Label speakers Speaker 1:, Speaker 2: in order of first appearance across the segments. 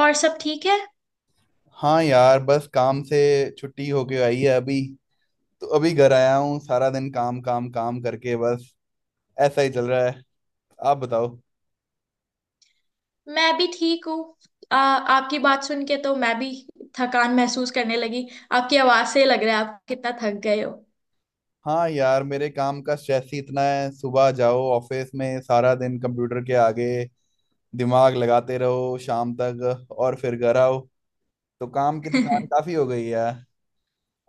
Speaker 1: और सब ठीक है।
Speaker 2: हाँ यार, बस काम से छुट्टी होके आई है अभी। तो अभी घर आया हूँ। सारा दिन काम काम काम करके बस ऐसा ही चल रहा है। आप बताओ।
Speaker 1: मैं भी ठीक हूँ। आपकी बात सुन के तो मैं भी थकान महसूस करने लगी। आपकी आवाज से लग रहा है आप कितना थक गए हो।
Speaker 2: हाँ यार, मेरे काम का स्ट्रेस ही इतना है। सुबह जाओ ऑफिस में, सारा दिन कंप्यूटर के आगे दिमाग लगाते रहो शाम तक, और फिर घर आओ। तो काम की थकान काफी हो गई है।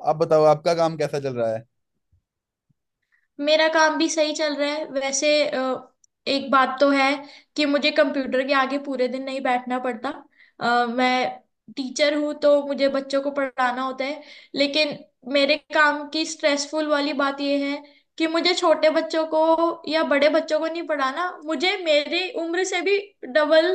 Speaker 2: आप बताओ, आपका काम कैसा चल रहा है।
Speaker 1: मेरा काम भी सही चल रहा है वैसे। एक बात तो है कि मुझे कंप्यूटर के आगे पूरे दिन नहीं बैठना पड़ता। मैं टीचर हूँ तो मुझे बच्चों को पढ़ाना होता है, लेकिन मेरे काम की स्ट्रेसफुल वाली बात यह है कि मुझे छोटे बच्चों को या बड़े बच्चों को नहीं पढ़ाना, मुझे मेरी उम्र से भी डबल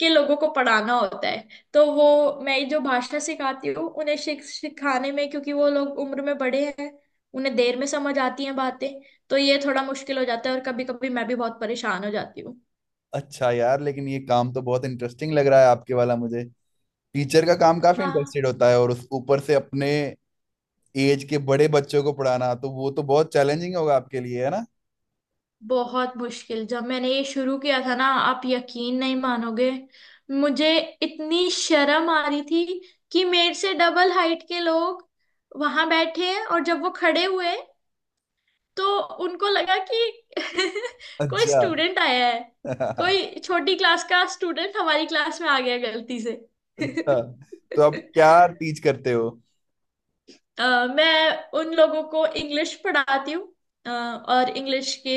Speaker 1: के लोगों को पढ़ाना होता है। तो वो मैं जो भाषा सिखाती हूँ उन्हें सिखाने में, क्योंकि वो लोग उम्र में बड़े हैं उन्हें देर में समझ आती हैं बातें, तो ये थोड़ा मुश्किल हो जाता है और कभी कभी मैं भी बहुत परेशान हो जाती हूँ।
Speaker 2: अच्छा यार, लेकिन ये काम तो बहुत इंटरेस्टिंग लग रहा है आपके वाला मुझे। टीचर का काम काफी
Speaker 1: हाँ,
Speaker 2: इंटरेस्टेड होता है, और उस ऊपर से अपने एज के बड़े बच्चों को पढ़ाना, तो वो तो बहुत चैलेंजिंग होगा आपके लिए, है ना।
Speaker 1: बहुत मुश्किल। जब मैंने ये शुरू किया था ना, आप यकीन नहीं मानोगे, मुझे इतनी शर्म आ रही थी कि मेरे से डबल हाइट के लोग वहां बैठे हैं, और जब वो खड़े हुए तो उनको लगा कि कोई
Speaker 2: अच्छा।
Speaker 1: स्टूडेंट आया है। कोई छोटी क्लास का स्टूडेंट हमारी क्लास में आ गया गलती से।
Speaker 2: अच्छा, तो आप क्या टीच करते हो।
Speaker 1: मैं उन लोगों को इंग्लिश पढ़ाती हूँ। और इंग्लिश के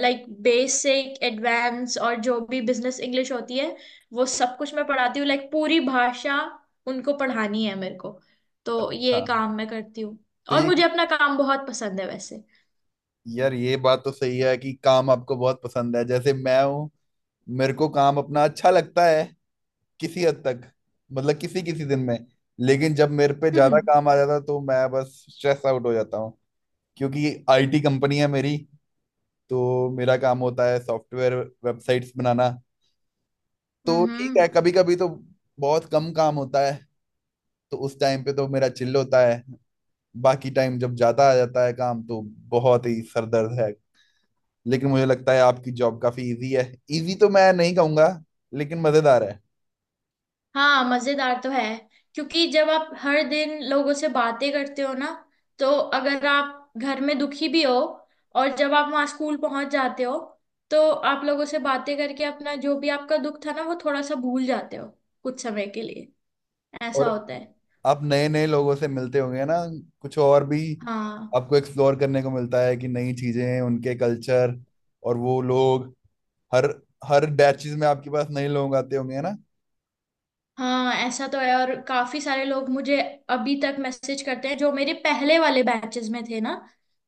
Speaker 1: लाइक बेसिक, एडवांस और जो भी बिजनेस इंग्लिश होती है, वो सब कुछ मैं पढ़ाती हूँ। लाइक पूरी भाषा उनको पढ़ानी है मेरे को, तो
Speaker 2: अच्छा।
Speaker 1: ये काम मैं करती हूँ।
Speaker 2: तो
Speaker 1: और
Speaker 2: ये
Speaker 1: मुझे अपना काम बहुत पसंद है वैसे।
Speaker 2: यार, ये बात तो सही है कि काम आपको बहुत पसंद है। जैसे मैं हूँ, मेरे को काम अपना अच्छा लगता है, किसी हद तक। मतलब किसी किसी दिन में। लेकिन जब मेरे पे ज्यादा काम आ जाता है, तो मैं बस स्ट्रेस आउट हो जाता हूँ। क्योंकि आईटी कंपनी है मेरी, तो मेरा काम होता है सॉफ्टवेयर, वेबसाइट्स बनाना। तो ठीक
Speaker 1: हम्म।
Speaker 2: है, कभी कभी तो बहुत कम काम होता है, तो उस टाइम पे तो मेरा चिल होता है। बाकी टाइम जब ज्यादा आ जाता है काम, तो बहुत ही सरदर्द है। लेकिन मुझे लगता है आपकी जॉब काफी इजी है। इजी तो मैं नहीं कहूंगा, लेकिन मजेदार है।
Speaker 1: हाँ, मजेदार तो है, क्योंकि जब आप हर दिन लोगों से बातें करते हो ना, तो अगर आप घर में दुखी भी हो और जब आप वहाँ स्कूल पहुंच जाते हो, तो आप लोगों से बातें करके अपना जो भी आपका दुख था ना वो थोड़ा सा भूल जाते हो कुछ समय के लिए। ऐसा
Speaker 2: और
Speaker 1: होता है।
Speaker 2: आप नए नए लोगों से मिलते होंगे ना, कुछ और भी।
Speaker 1: हाँ।
Speaker 2: आपको एक्सप्लोर करने को मिलता है कि नई चीजें, उनके कल्चर और वो लोग। हर हर बैचेस में आपके पास नए लोग आते होंगे ना।
Speaker 1: हाँ, ऐसा तो है। और काफी सारे लोग मुझे अभी तक मैसेज करते हैं जो मेरे पहले वाले बैचेस में थे ना,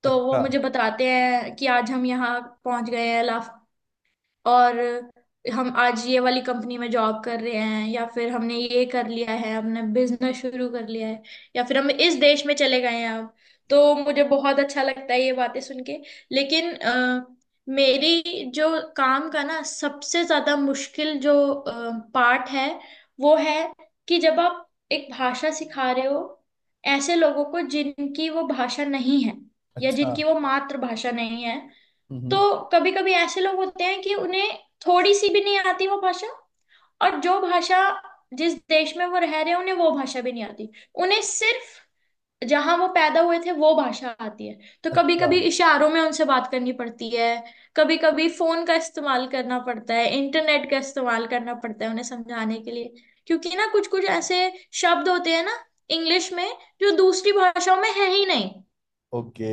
Speaker 1: तो वो
Speaker 2: अच्छा।
Speaker 1: मुझे बताते हैं कि आज हम यहाँ पहुंच गए हैं लाफ, और हम आज ये वाली कंपनी में जॉब कर रहे हैं, या फिर हमने ये कर लिया है, हमने बिजनेस शुरू कर लिया है, या फिर हम इस देश में चले गए हैं अब। तो मुझे बहुत अच्छा लगता है ये बातें सुन के। लेकिन मेरी जो काम का ना सबसे ज्यादा मुश्किल जो पार्ट है वो है कि जब आप एक भाषा सिखा रहे हो ऐसे लोगों को जिनकी वो भाषा नहीं है, या
Speaker 2: अच्छा।
Speaker 1: जिनकी वो मातृभाषा नहीं है, तो
Speaker 2: हम्म।
Speaker 1: कभी कभी ऐसे लोग होते हैं कि उन्हें थोड़ी सी भी नहीं आती वो भाषा, और जो भाषा जिस देश में वो रह रहे हैं उन्हें वो भाषा भी नहीं आती, उन्हें सिर्फ जहां वो पैदा हुए थे वो भाषा आती है। तो कभी
Speaker 2: अच्छा।
Speaker 1: कभी इशारों में उनसे बात करनी पड़ती है, कभी कभी फोन का इस्तेमाल करना पड़ता है, इंटरनेट का इस्तेमाल करना पड़ता है उन्हें समझाने के लिए। क्योंकि ना कुछ कुछ ऐसे शब्द होते हैं ना इंग्लिश में, जो दूसरी भाषाओं में है ही नहीं।
Speaker 2: ओके।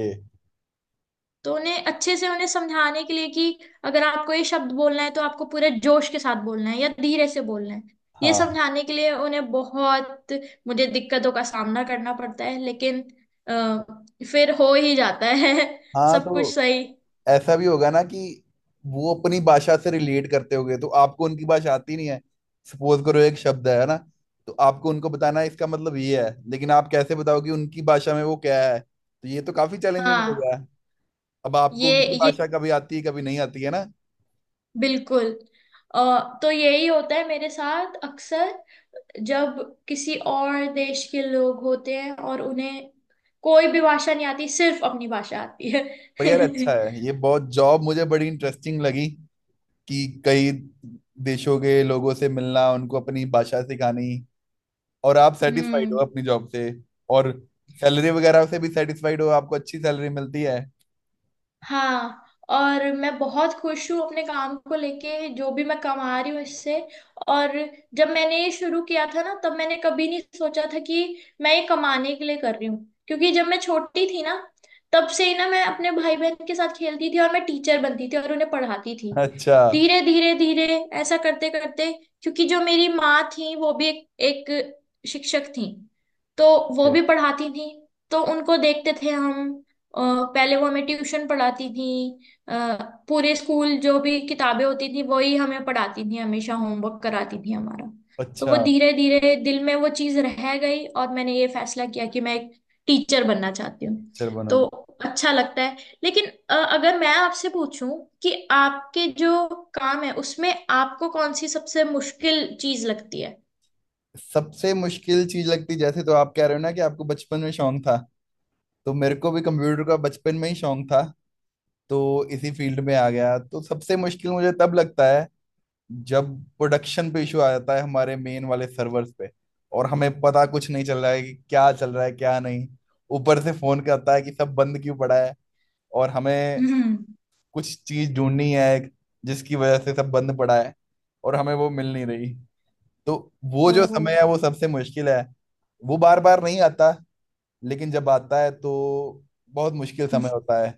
Speaker 1: तो उन्हें अच्छे से उन्हें समझाने के लिए कि अगर आपको ये शब्द बोलना है तो आपको पूरे जोश के साथ बोलना है या धीरे से बोलना है, ये
Speaker 2: हाँ।
Speaker 1: समझाने के लिए उन्हें बहुत, मुझे दिक्कतों का सामना करना पड़ता है। लेकिन आ, फिर हो ही जाता है।
Speaker 2: हाँ,
Speaker 1: सब कुछ
Speaker 2: तो
Speaker 1: सही।
Speaker 2: ऐसा भी होगा ना कि वो अपनी भाषा से रिलेट करते होंगे, तो आपको उनकी भाषा आती नहीं है। सपोज करो एक शब्द है ना, तो आपको उनको बताना है, इसका मतलब ये है, लेकिन आप कैसे बताओगे उनकी भाषा में वो क्या है। तो ये तो काफी चैलेंजिंग हो
Speaker 1: हाँ।
Speaker 2: गया है। अब आपको
Speaker 1: ये
Speaker 2: उनकी
Speaker 1: ये
Speaker 2: भाषा कभी आती है, कभी नहीं आती है ना।
Speaker 1: बिल्कुल। तो यही होता है मेरे साथ अक्सर, जब किसी और देश के लोग होते हैं और उन्हें कोई भी भाषा नहीं आती, सिर्फ अपनी भाषा आती है।
Speaker 2: पर यार अच्छा है, ये बहुत जॉब मुझे बड़ी इंटरेस्टिंग लगी, कि कई देशों के लोगों से मिलना, उनको अपनी भाषा सिखानी। और आप सेटिस्फाइड हो
Speaker 1: हम्म।
Speaker 2: अपनी जॉब से। और सैलरी वगैरह से भी सेटिस्फाइड हो, आपको अच्छी सैलरी मिलती है।
Speaker 1: हाँ। और मैं बहुत खुश हूँ अपने काम को लेके, जो भी मैं कमा रही हूँ इससे। और जब मैंने ये शुरू किया था ना, तब मैंने कभी नहीं सोचा था कि मैं ये कमाने के लिए कर रही हूँ। क्योंकि जब मैं छोटी थी ना, तब से ही ना मैं अपने भाई बहन के साथ खेलती थी और मैं टीचर बनती थी और उन्हें पढ़ाती थी।
Speaker 2: अच्छा।
Speaker 1: धीरे धीरे धीरे ऐसा करते करते, क्योंकि जो मेरी माँ थी वो भी एक शिक्षक थी, तो वो
Speaker 2: ठीक
Speaker 1: भी
Speaker 2: है।
Speaker 1: पढ़ाती थी, तो उनको देखते थे हम। अ, पहले वो हमें ट्यूशन पढ़ाती थी। अ, पूरे स्कूल जो भी किताबें होती थी वही हमें पढ़ाती थी, हमेशा होमवर्क कराती थी हमारा। तो
Speaker 2: अच्छा।
Speaker 1: वो धीरे धीरे दिल में वो चीज रह गई और मैंने ये फैसला किया कि मैं एक टीचर बनना चाहती हूँ।
Speaker 2: टीचर
Speaker 1: तो
Speaker 2: बनोगे।
Speaker 1: अच्छा लगता है। लेकिन अगर मैं आपसे पूछूं कि आपके जो काम है उसमें आपको कौन सी सबसे मुश्किल चीज लगती है?
Speaker 2: सबसे मुश्किल चीज लगती, जैसे तो आप कह रहे हो ना कि आपको बचपन में शौक था, तो मेरे को भी कंप्यूटर का बचपन में ही शौक था। तो इसी फील्ड में आ गया। तो सबसे मुश्किल मुझे तब लगता है जब प्रोडक्शन पे इशू आ जाता है हमारे मेन वाले सर्वर्स पे, और हमें पता कुछ नहीं चल रहा है कि क्या चल रहा है क्या नहीं। ऊपर से फोन करता है कि सब बंद क्यों पड़ा है, और हमें
Speaker 1: हम्म।
Speaker 2: कुछ चीज ढूंढनी है जिसकी वजह से सब बंद पड़ा है, और हमें वो मिल नहीं रही। तो वो जो
Speaker 1: ओहो।
Speaker 2: समय है वो सबसे मुश्किल है। वो बार बार नहीं आता, लेकिन जब आता है तो बहुत मुश्किल समय होता है।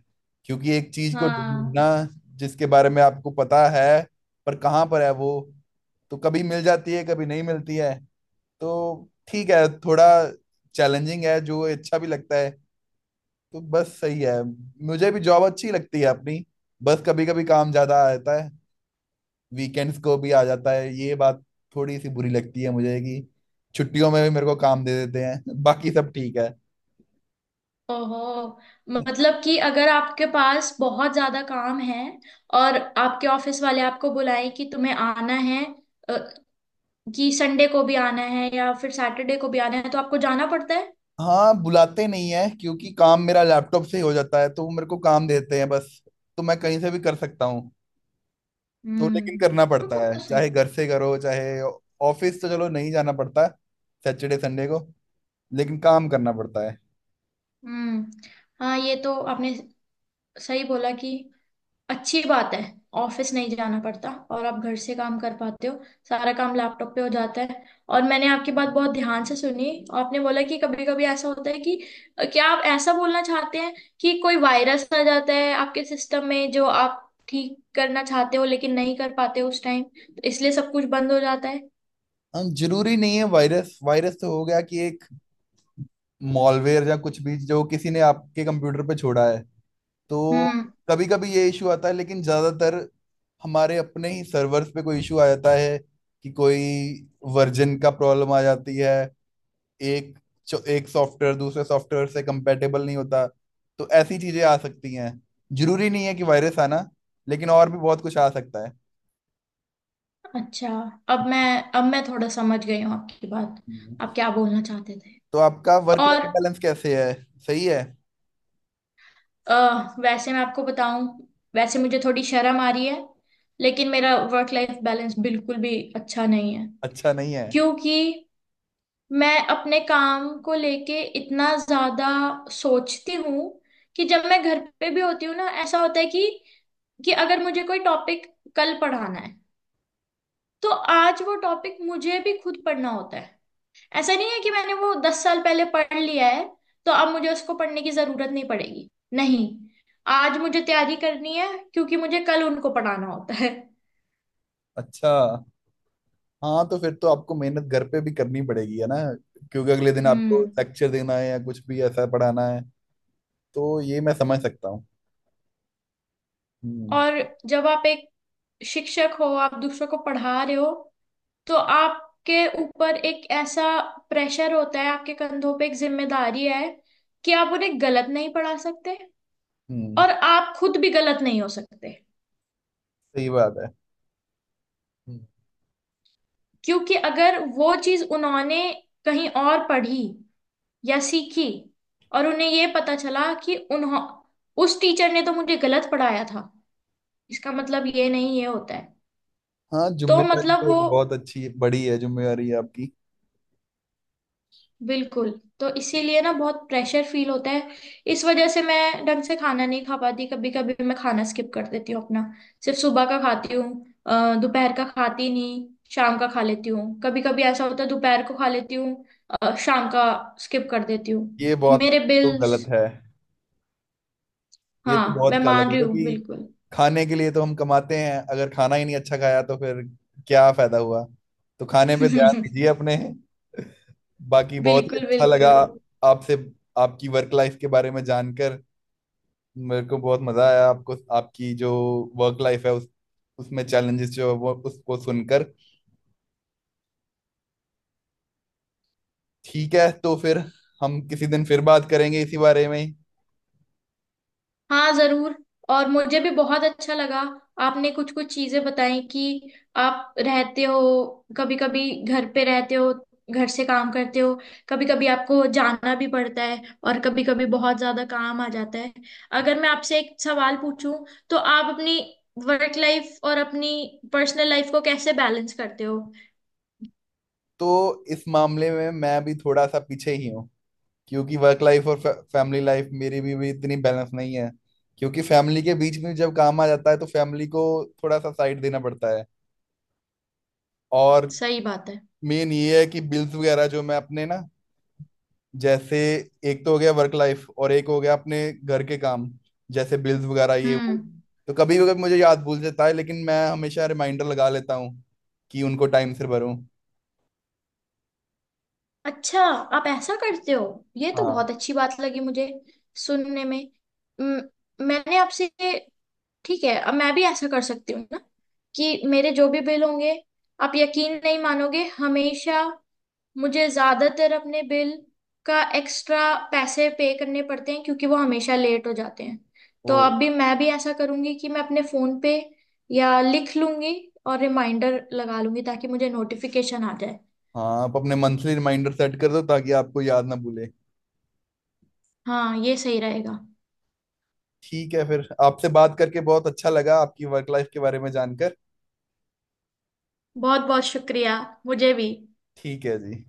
Speaker 2: क्योंकि एक चीज को ढूंढना
Speaker 1: हाँ।
Speaker 2: जिसके बारे में आपको पता है, पर कहाँ पर है वो। तो कभी मिल जाती है, कभी नहीं मिलती है। तो ठीक है, थोड़ा चैलेंजिंग है, जो अच्छा भी लगता है। तो बस सही है। मुझे भी जॉब अच्छी लगती है अपनी। बस कभी कभी काम ज्यादा आ जाता है, वीकेंड्स को भी आ जाता है। ये बात थोड़ी सी बुरी लगती है मुझे कि छुट्टियों में भी मेरे को काम दे देते हैं। बाकी सब ठीक है।
Speaker 1: ओहो, मतलब कि अगर आपके पास बहुत ज्यादा काम है और आपके ऑफिस वाले आपको बुलाएं कि तुम्हें आना है, अ, कि संडे को भी आना है या फिर सैटरडे को भी आना है, तो आपको जाना पड़ता है?
Speaker 2: हाँ, बुलाते नहीं है, क्योंकि काम मेरा लैपटॉप से ही हो जाता है, तो वो मेरे को काम देते हैं बस। तो मैं कहीं से भी कर सकता हूँ। तो लेकिन
Speaker 1: हम्म।
Speaker 2: करना पड़ता
Speaker 1: वो
Speaker 2: है,
Speaker 1: तो सही।
Speaker 2: चाहे घर से करो चाहे। ऑफिस तो चलो नहीं जाना पड़ता है सैटरडे संडे को, लेकिन काम करना पड़ता है।
Speaker 1: हम्म। हाँ, ये तो आपने सही बोला कि अच्छी बात है ऑफिस नहीं जाना पड़ता और आप घर से काम कर पाते हो, सारा काम लैपटॉप पे हो जाता है। और मैंने आपकी बात बहुत ध्यान से सुनी। आपने बोला कि कभी कभी ऐसा होता है कि, क्या आप ऐसा बोलना चाहते हैं कि कोई वायरस आ जाता है आपके सिस्टम में जो आप ठीक करना चाहते हो लेकिन नहीं कर पाते हो उस टाइम, तो इसलिए सब कुछ बंद हो जाता है?
Speaker 2: हम, जरूरी नहीं है वायरस वायरस तो हो गया, कि एक मॉलवेयर या कुछ भी जो किसी ने आपके कंप्यूटर पे छोड़ा है। तो
Speaker 1: हम्म।
Speaker 2: कभी कभी ये इशू आता है, लेकिन ज्यादातर हमारे अपने ही सर्वर्स पे कोई इशू आ जाता है। कि कोई वर्जन का प्रॉब्लम आ जाती है। एक एक सॉफ्टवेयर दूसरे सॉफ्टवेयर से कंपेटेबल नहीं होता। तो ऐसी चीजें आ सकती हैं। जरूरी नहीं है कि वायरस आना, लेकिन और भी बहुत कुछ आ सकता है।
Speaker 1: अच्छा। अब मैं अब मैं थोड़ा समझ गई हूँ आपकी बात आप
Speaker 2: हम्म।
Speaker 1: क्या बोलना चाहते थे।
Speaker 2: तो आपका वर्क
Speaker 1: और
Speaker 2: लाइफ बैलेंस कैसे है। सही है।
Speaker 1: अ, वैसे मैं आपको बताऊं, वैसे मुझे थोड़ी शर्म आ रही है लेकिन मेरा वर्क लाइफ बैलेंस बिल्कुल भी अच्छा नहीं है।
Speaker 2: अच्छा नहीं है।
Speaker 1: क्योंकि मैं अपने काम को लेके इतना ज्यादा सोचती हूँ कि जब मैं घर पे भी होती हूँ ना, ऐसा होता है कि अगर मुझे कोई टॉपिक कल पढ़ाना है, तो आज वो टॉपिक मुझे भी खुद पढ़ना होता है। ऐसा नहीं है कि मैंने वो दस साल पहले पढ़ लिया है तो अब मुझे उसको पढ़ने की जरूरत नहीं पड़ेगी, नहीं। आज मुझे तैयारी करनी है क्योंकि मुझे कल उनको पढ़ाना होता है।
Speaker 2: अच्छा। हाँ तो फिर तो आपको मेहनत घर पे भी करनी पड़ेगी, है ना। क्योंकि अगले दिन आपको
Speaker 1: हम्म।
Speaker 2: लेक्चर देना है या कुछ भी ऐसा पढ़ाना है। तो ये मैं समझ सकता हूँ। हम्म।
Speaker 1: और जब आप एक शिक्षक हो, आप दूसरों को पढ़ा रहे हो, तो आपके ऊपर एक ऐसा प्रेशर होता है, आपके कंधों पे एक जिम्मेदारी है कि आप उन्हें गलत नहीं पढ़ा सकते,
Speaker 2: हम्म।
Speaker 1: और आप खुद भी गलत नहीं हो सकते।
Speaker 2: सही बात है। हम्म।
Speaker 1: क्योंकि अगर वो चीज उन्होंने कहीं और पढ़ी या सीखी, और उन्हें ये पता चला कि उन्हों उस टीचर ने तो मुझे गलत पढ़ाया था, इसका मतलब ये नहीं ये होता है।
Speaker 2: हाँ,
Speaker 1: तो
Speaker 2: जिम्मेदारी
Speaker 1: मतलब
Speaker 2: तो
Speaker 1: वो
Speaker 2: एक बहुत अच्छी बड़ी है, जिम्मेदारी आपकी।
Speaker 1: बिल्कुल, तो इसीलिए ना बहुत प्रेशर फील होता है। इस वजह से मैं ढंग से खाना नहीं खा पाती, कभी कभी मैं खाना स्किप कर देती हूँ अपना। सिर्फ सुबह का खाती हूँ, दोपहर का खाती नहीं, शाम का खा लेती हूँ। कभी कभी ऐसा होता है दोपहर को खा लेती हूँ, शाम का स्किप कर देती हूँ।
Speaker 2: ये बहुत
Speaker 1: मेरे
Speaker 2: तो
Speaker 1: बिल्स।
Speaker 2: गलत है। ये तो
Speaker 1: हाँ, मैं
Speaker 2: बहुत काला
Speaker 1: मान
Speaker 2: था,
Speaker 1: रही हूँ,
Speaker 2: क्योंकि
Speaker 1: बिल्कुल।
Speaker 2: खाने के लिए तो हम कमाते हैं। अगर खाना ही नहीं अच्छा खाया तो फिर क्या फायदा हुआ। तो खाने पे ध्यान दीजिए अपने। बाकी बहुत ही
Speaker 1: बिल्कुल,
Speaker 2: अच्छा लगा
Speaker 1: बिल्कुल।
Speaker 2: आपसे, आपकी वर्क लाइफ के बारे में जानकर। मेरे को बहुत मजा आया। आपको, आपकी जो वर्क लाइफ है, उस उसमें चैलेंजेस जो है वो, उसको सुनकर। ठीक है तो फिर हम किसी दिन फिर बात करेंगे इसी बारे में ही।
Speaker 1: हाँ, जरूर। और मुझे भी बहुत अच्छा लगा। आपने कुछ कुछ चीजें बताई कि आप रहते हो, कभी कभी घर पे रहते हो, घर से काम करते हो, कभी कभी आपको जाना भी पड़ता है, और कभी कभी बहुत ज्यादा काम आ जाता है। अगर मैं आपसे एक सवाल पूछूं, तो आप अपनी वर्क लाइफ और अपनी पर्सनल लाइफ को कैसे बैलेंस करते हो?
Speaker 2: तो इस मामले में मैं भी थोड़ा सा पीछे ही हूँ। क्योंकि वर्क लाइफ और फैमिली लाइफ मेरी भी इतनी बैलेंस नहीं है। क्योंकि फैमिली के बीच में जब काम आ जाता है, तो फैमिली को थोड़ा सा साइड देना पड़ता है। और
Speaker 1: सही बात है।
Speaker 2: मेन ये है कि बिल्स वगैरह जो मैं अपने ना, जैसे, एक तो हो गया वर्क लाइफ और एक हो गया अपने घर के काम, जैसे बिल्स वगैरह ये वो।
Speaker 1: हम्म।
Speaker 2: तो कभी कभी मुझे याद भूल जाता है, लेकिन मैं हमेशा रिमाइंडर लगा लेता हूँ कि उनको टाइम से भरूं।
Speaker 1: अच्छा, आप ऐसा करते हो? ये तो
Speaker 2: हाँ।
Speaker 1: बहुत अच्छी बात लगी मुझे सुनने में। म- मैंने आपसे, ठीक है, अब मैं भी ऐसा कर सकती हूँ ना कि मेरे जो भी बिल होंगे, आप यकीन नहीं मानोगे, हमेशा मुझे ज्यादातर अपने बिल का एक्स्ट्रा पैसे पे करने पड़ते हैं क्योंकि वो हमेशा लेट हो जाते हैं। तो
Speaker 2: वो।
Speaker 1: अब भी मैं भी ऐसा करूंगी कि मैं अपने फोन पे या लिख लूंगी और रिमाइंडर लगा लूंगी ताकि मुझे नोटिफिकेशन आ जाए।
Speaker 2: हाँ, आप अपने मंथली रिमाइंडर सेट कर दो ताकि आपको याद ना भूले।
Speaker 1: हाँ, ये सही रहेगा।
Speaker 2: ठीक है, फिर आपसे बात करके बहुत अच्छा लगा, आपकी वर्क लाइफ के बारे में जानकर।
Speaker 1: बहुत बहुत शुक्रिया। मुझे भी।
Speaker 2: ठीक है जी।